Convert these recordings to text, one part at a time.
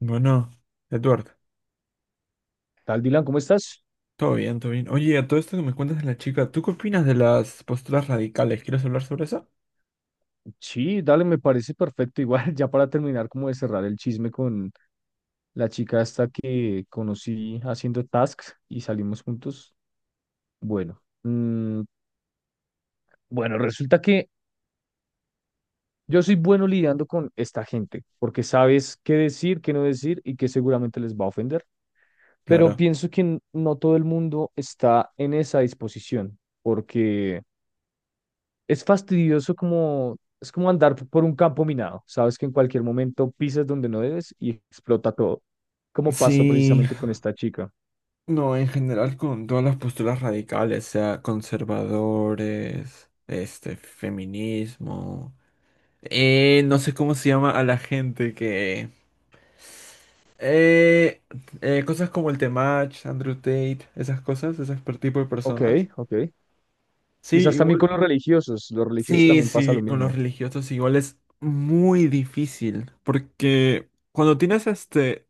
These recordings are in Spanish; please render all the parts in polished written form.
Bueno, Edward, Tal Dylan, ¿cómo estás? todo bien, todo bien. Oye, a todo esto que me cuentas de la chica, ¿tú qué opinas de las posturas radicales? ¿Quieres hablar sobre eso? Sí, dale, me parece perfecto. Igual, ya para terminar, como de cerrar el chisme con la chica esta que conocí haciendo tasks y salimos juntos. Bueno, mm, bueno, resulta que yo soy bueno lidiando con esta gente, porque sabes qué decir, qué no decir y que seguramente les va a ofender. Pero Claro. pienso que no todo el mundo está en esa disposición, porque es fastidioso como, es como andar por un campo minado. Sabes que en cualquier momento pisas donde no debes y explota todo, como pasó Sí, precisamente con esta chica. no, en general con todas las posturas radicales, sea conservadores, feminismo, no sé cómo se llama a la gente que... Eh, cosas como el Temach, Andrew Tate, esas cosas, ese tipo de Ok, personas. ok. Sí, Quizás también igual. con los religiosos. Los religiosos Sí, también pasa lo sí, con los mismo. religiosos igual es muy difícil, porque cuando tienes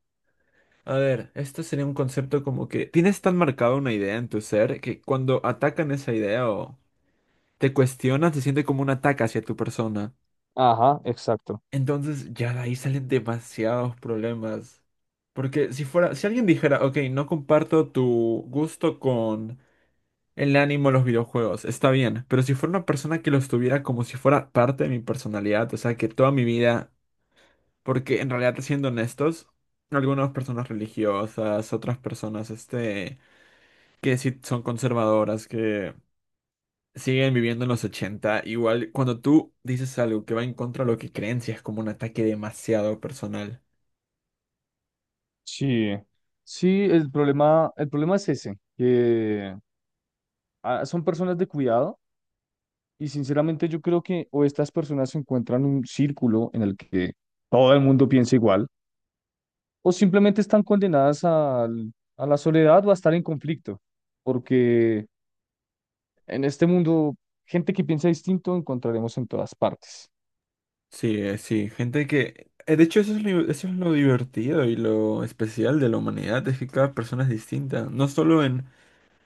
a ver, este sería un concepto como que tienes tan marcada una idea en tu ser que cuando atacan esa idea o te cuestionan se siente como un ataque hacia tu persona. Ajá, exacto. Entonces ya de ahí salen demasiados problemas, porque si alguien dijera, ok, no comparto tu gusto con el ánimo a los videojuegos, está bien, pero si fuera una persona que los tuviera como si fuera parte de mi personalidad, o sea, que toda mi vida, porque en realidad, siendo honestos, algunas personas religiosas, otras personas, que sí son conservadoras, que siguen viviendo en los 80 igual cuando tú dices algo que va en contra de lo que creen, sí es como un ataque demasiado personal. Sí, sí, el problema es ese, que son personas de cuidado y sinceramente yo creo que o estas personas se encuentran un círculo en el que todo el mundo piensa igual o simplemente están condenadas a la soledad o a estar en conflicto, porque en este mundo, gente que piensa distinto encontraremos en todas partes, Sí, sí, De hecho, eso es lo divertido y lo especial de la humanidad, es que cada persona es distinta, no solo en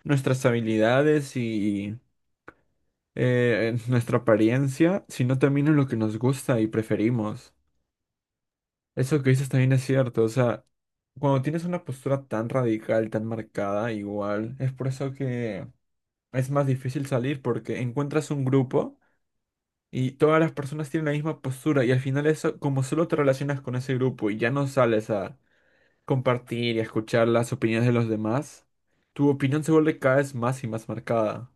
nuestras habilidades y nuestra apariencia, sino también en lo que nos gusta y preferimos. Eso que dices también es cierto, o sea, cuando tienes una postura tan radical, tan marcada, igual, es por eso que es más difícil salir porque encuentras un grupo y todas las personas tienen la misma postura y al final eso, como solo te relacionas con ese grupo y ya no sales a compartir y a escuchar las opiniones de los demás, tu opinión se vuelve cada vez más y más marcada.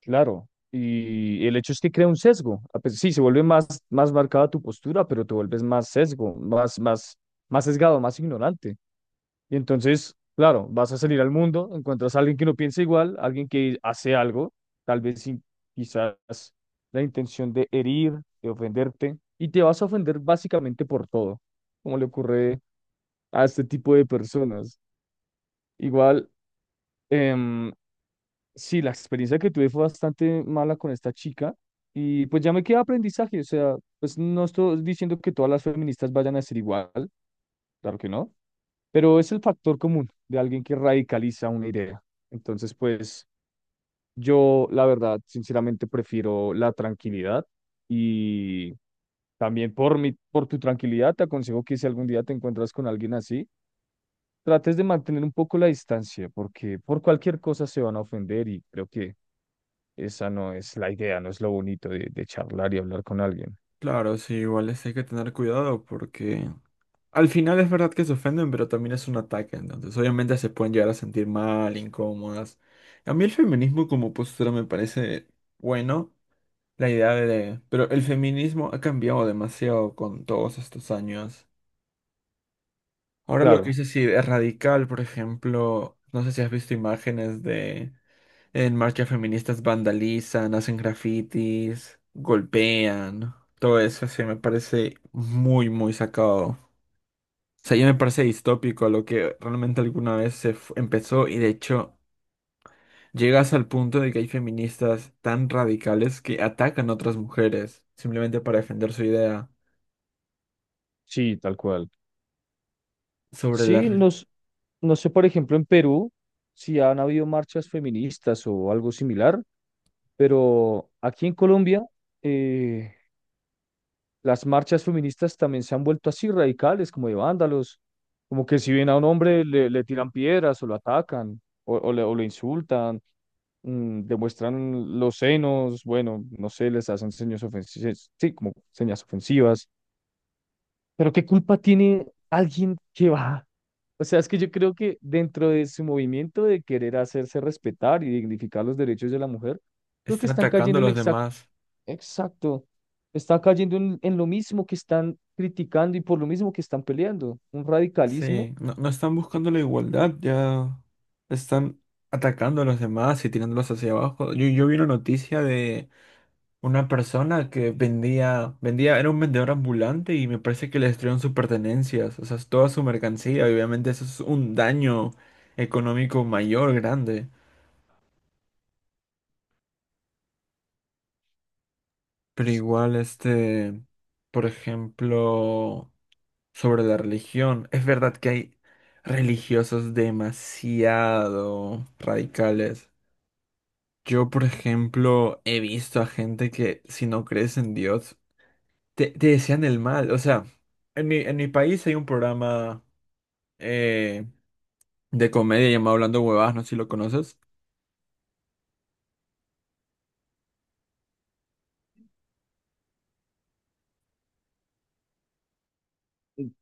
claro. Y el hecho es que crea un sesgo. Sí, se vuelve más, más marcada tu postura, pero te vuelves más sesgo, más, más, más sesgado, más ignorante. Y entonces, claro, vas a salir al mundo, encuentras a alguien que no piensa igual, alguien que hace algo, tal vez sin quizás la intención de herir, de ofenderte, y te vas a ofender básicamente por todo, como le ocurre a este tipo de personas. Igual, em, sí, la experiencia que tuve fue bastante mala con esta chica, y pues ya me queda aprendizaje, o sea, pues no estoy diciendo que todas las feministas vayan a ser igual, claro que no. Pero es el factor común de alguien que radicaliza una idea. Entonces, pues yo, la verdad, sinceramente prefiero la tranquilidad y también por mi, por tu tranquilidad, te aconsejo que si algún día te encuentras con alguien así, trates de mantener un poco la distancia, porque por cualquier cosa se van a ofender y creo que esa no es la idea, no es lo bonito de charlar y hablar con alguien. Claro, sí, hay que tener cuidado porque al final es verdad que se ofenden, pero también es un ataque, entonces obviamente se pueden llegar a sentir mal, incómodas. A mí el feminismo como postura me parece bueno, la idea de... Pero el feminismo ha cambiado demasiado con todos estos años. Ahora lo que Claro, hice sí es radical, por ejemplo, no sé si has visto imágenes de en marchas feministas vandalizan, hacen grafitis, golpean. Todo eso se me parece muy, muy sacado. O sea, ya me parece distópico lo que realmente alguna vez empezó, y de hecho llegas al punto de que hay feministas tan radicales que atacan a otras mujeres simplemente para defender su idea sí, tal cual. sobre la... Sí, re- nos, no sé, por ejemplo, en Perú, si han habido marchas feministas o algo similar, pero aquí en Colombia, eh, las marchas feministas también se han vuelto así radicales, como de vándalos, como que si ven a un hombre le, le tiran piedras o lo atacan o le, o lo insultan, mm, demuestran los senos, bueno, no sé, les hacen señas ofensivas, sí, como señas ofensivas. Pero ¿qué culpa tiene alguien que va? O sea, es que yo creo que dentro de su movimiento de querer hacerse respetar y dignificar los derechos de la mujer, creo que Están están atacando cayendo a en los exacto, demás. exacto, está cayendo en lo mismo que están criticando y por lo mismo que están peleando, un radicalismo. Sí, no, no están eh, buscando la igualdad, ya están atacando a los demás y tirándolos hacia abajo. Yo vi una noticia de una persona que vendía, era un vendedor ambulante y me parece que le destruyeron sus pertenencias, o sea, toda su mercancía, y obviamente eso es un daño económico mayor, grande. Pero s- igual, por ejemplo, sobre la religión, es verdad que hay religiosos demasiado radicales. Yo, por ejemplo, he visto a gente que si no crees en Dios, te desean el mal. O sea, en mi país hay un programa eh, de comedia llamado Hablando Huevadas, no sé si lo conoces.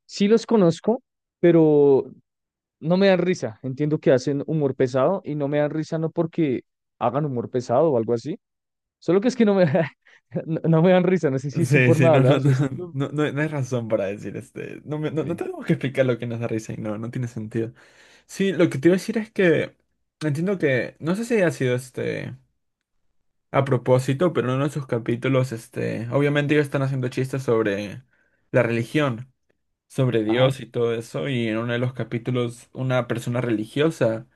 Sí los conozco, pero no me dan risa. Entiendo que hacen humor pesado y no me dan risa no porque hagan humor pesado o algo así, solo que es que no me, no, no me dan risa, no sé si es su Sí, forma sí, de no, no, hablar, su no, estilo. no, no hay razón para decir este. No, Ok, no, no tenemos que explicar lo que nos da risa y no, no tiene sentido. Sí, lo que te iba a decir es que entiendo que, no sé si ha sido este, a propósito, pero en uno de sus capítulos, este, obviamente ellos están haciendo chistes sobre la religión, sobre ajá. Dios y todo eso, y en uno de los capítulos una persona religiosa.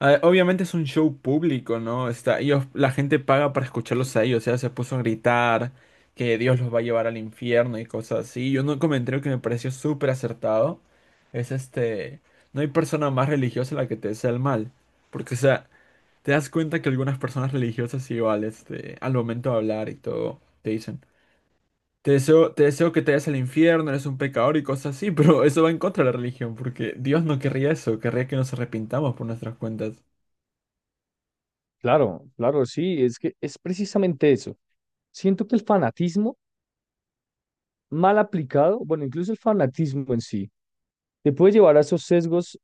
Ah, obviamente es un show público, ¿no? Está, ellos, la gente paga para escucharlos a ellos, o sea, se puso a gritar que Dios los va a llevar al infierno y cosas así. Y un comentario que me pareció súper acertado es este, no hay persona más religiosa a la que te desea el mal, porque, o sea, te das cuenta que algunas personas religiosas igual, este, al momento de hablar y todo, te dicen. Te deseo que te vayas al infierno, eres un pecador y cosas así, pero eso va en contra de la religión, porque Dios no querría eso, querría que nos arrepintamos por nuestras cuentas. Claro, claro, sí, es que es precisamente eso. Siento que el fanatismo mal aplicado, bueno, incluso el fanatismo en sí, te puede llevar a esos sesgos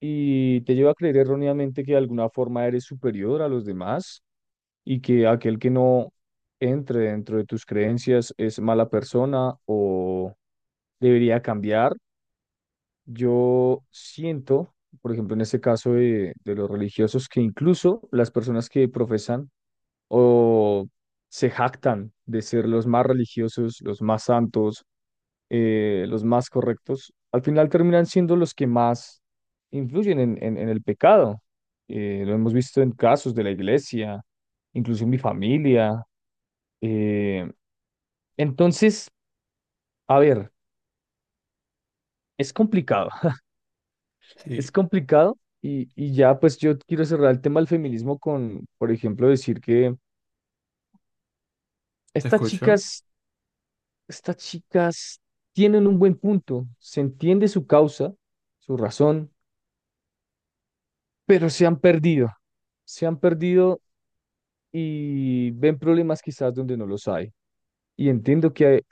y te lleva a creer erróneamente que de alguna forma eres superior a los demás y que aquel que no entre dentro de tus creencias es mala persona o debería cambiar. Yo siento, por ejemplo, en este caso de los religiosos, que incluso las personas que profesan o se jactan de ser los más religiosos, los más santos, los más correctos, al final terminan siendo los que más influyen en, en el pecado. Lo hemos visto en casos de la iglesia, incluso en mi familia. Eh, entonces, a ver, es complicado, es Sí, complicado. Y ya, pues yo quiero cerrar el tema del feminismo con, por ejemplo, decir que ¿te estas escucho? chicas Estas chicas tienen un buen punto, se entiende su causa, su razón, pero se han perdido y ven problemas quizás donde no los hay. Y entiendo que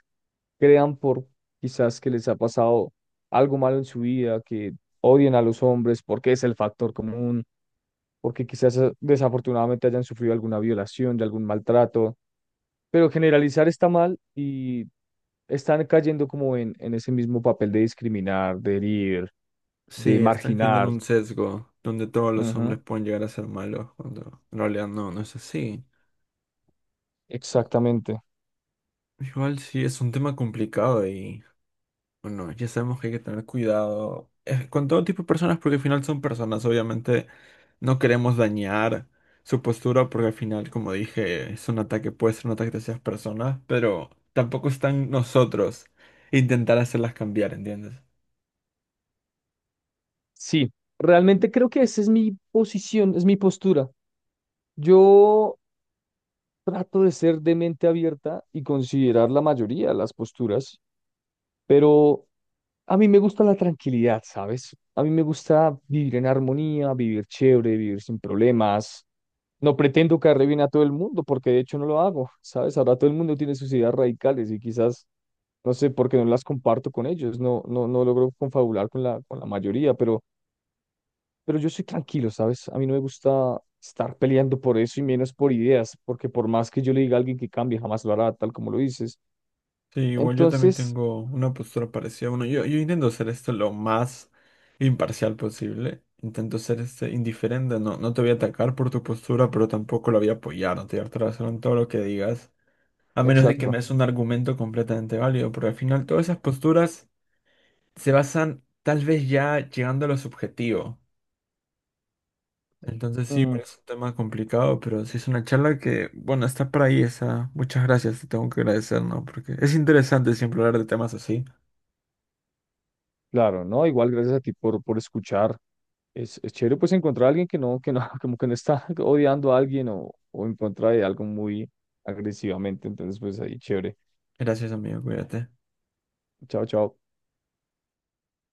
crean por quizás que les ha pasado algo malo en su vida, que odian a los hombres porque es el factor común, porque quizás desafortunadamente hayan sufrido alguna violación, de algún maltrato, pero generalizar está mal y están cayendo como en ese mismo papel de discriminar, de herir Sí, de están cayendo en marginar. un sesgo donde todos los hombres Ujú, pueden llegar a ser malos, cuando en realidad no, no es así. exactamente. Igual sí, es un tema complicado y. Bueno, ya sabemos que hay que tener cuidado con todo tipo de personas porque al final son personas, obviamente no queremos dañar su postura porque al final, como dije, es un ataque, puede ser un ataque hacia esas personas, pero tampoco están nosotros intentar hacerlas cambiar, ¿entiendes? Sí, realmente creo que esa es mi posición, es mi postura. Yo trato de ser de mente abierta y considerar la mayoría de las posturas, pero a mí me gusta la tranquilidad, ¿sabes? A mí me gusta vivir en armonía, vivir chévere, vivir sin problemas. No pretendo caerle bien a todo el mundo, porque de hecho no lo hago, ¿sabes? Ahora todo el mundo tiene sus ideas radicales y quizás no sé por qué no las comparto con ellos, no, no, no logro confabular con la mayoría, pero yo soy tranquilo, ¿sabes? A mí no me gusta estar peleando por eso y menos por ideas, porque por más que yo le diga a alguien que cambie, jamás lo hará, tal como lo dices. Sí, igual yo también Entonces, tengo una postura parecida. Bueno, yo intento hacer esto lo más imparcial posible. Intento ser este indiferente. No, no te voy a atacar por tu postura, pero tampoco la voy a apoyar. No te voy a hacer en todo lo que digas. A menos de que me exacto. des un argumento completamente válido, porque al final todas esas posturas se basan tal vez ya llegando a lo subjetivo. Entonces sí, Mm, bueno, es un tema complicado, pero sí es una charla que, bueno, está por ahí esa. Muchas gracias, te tengo que agradecer, ¿no? Porque es interesante siempre hablar de temas así. claro, ¿no? Igual gracias a ti por escuchar. Es chévere pues encontrar a alguien que no, como que no está odiando a alguien o en contra de algo muy agresivamente. Entonces, pues ahí, chévere. Gracias, amigo, cuídate. Chao, chao.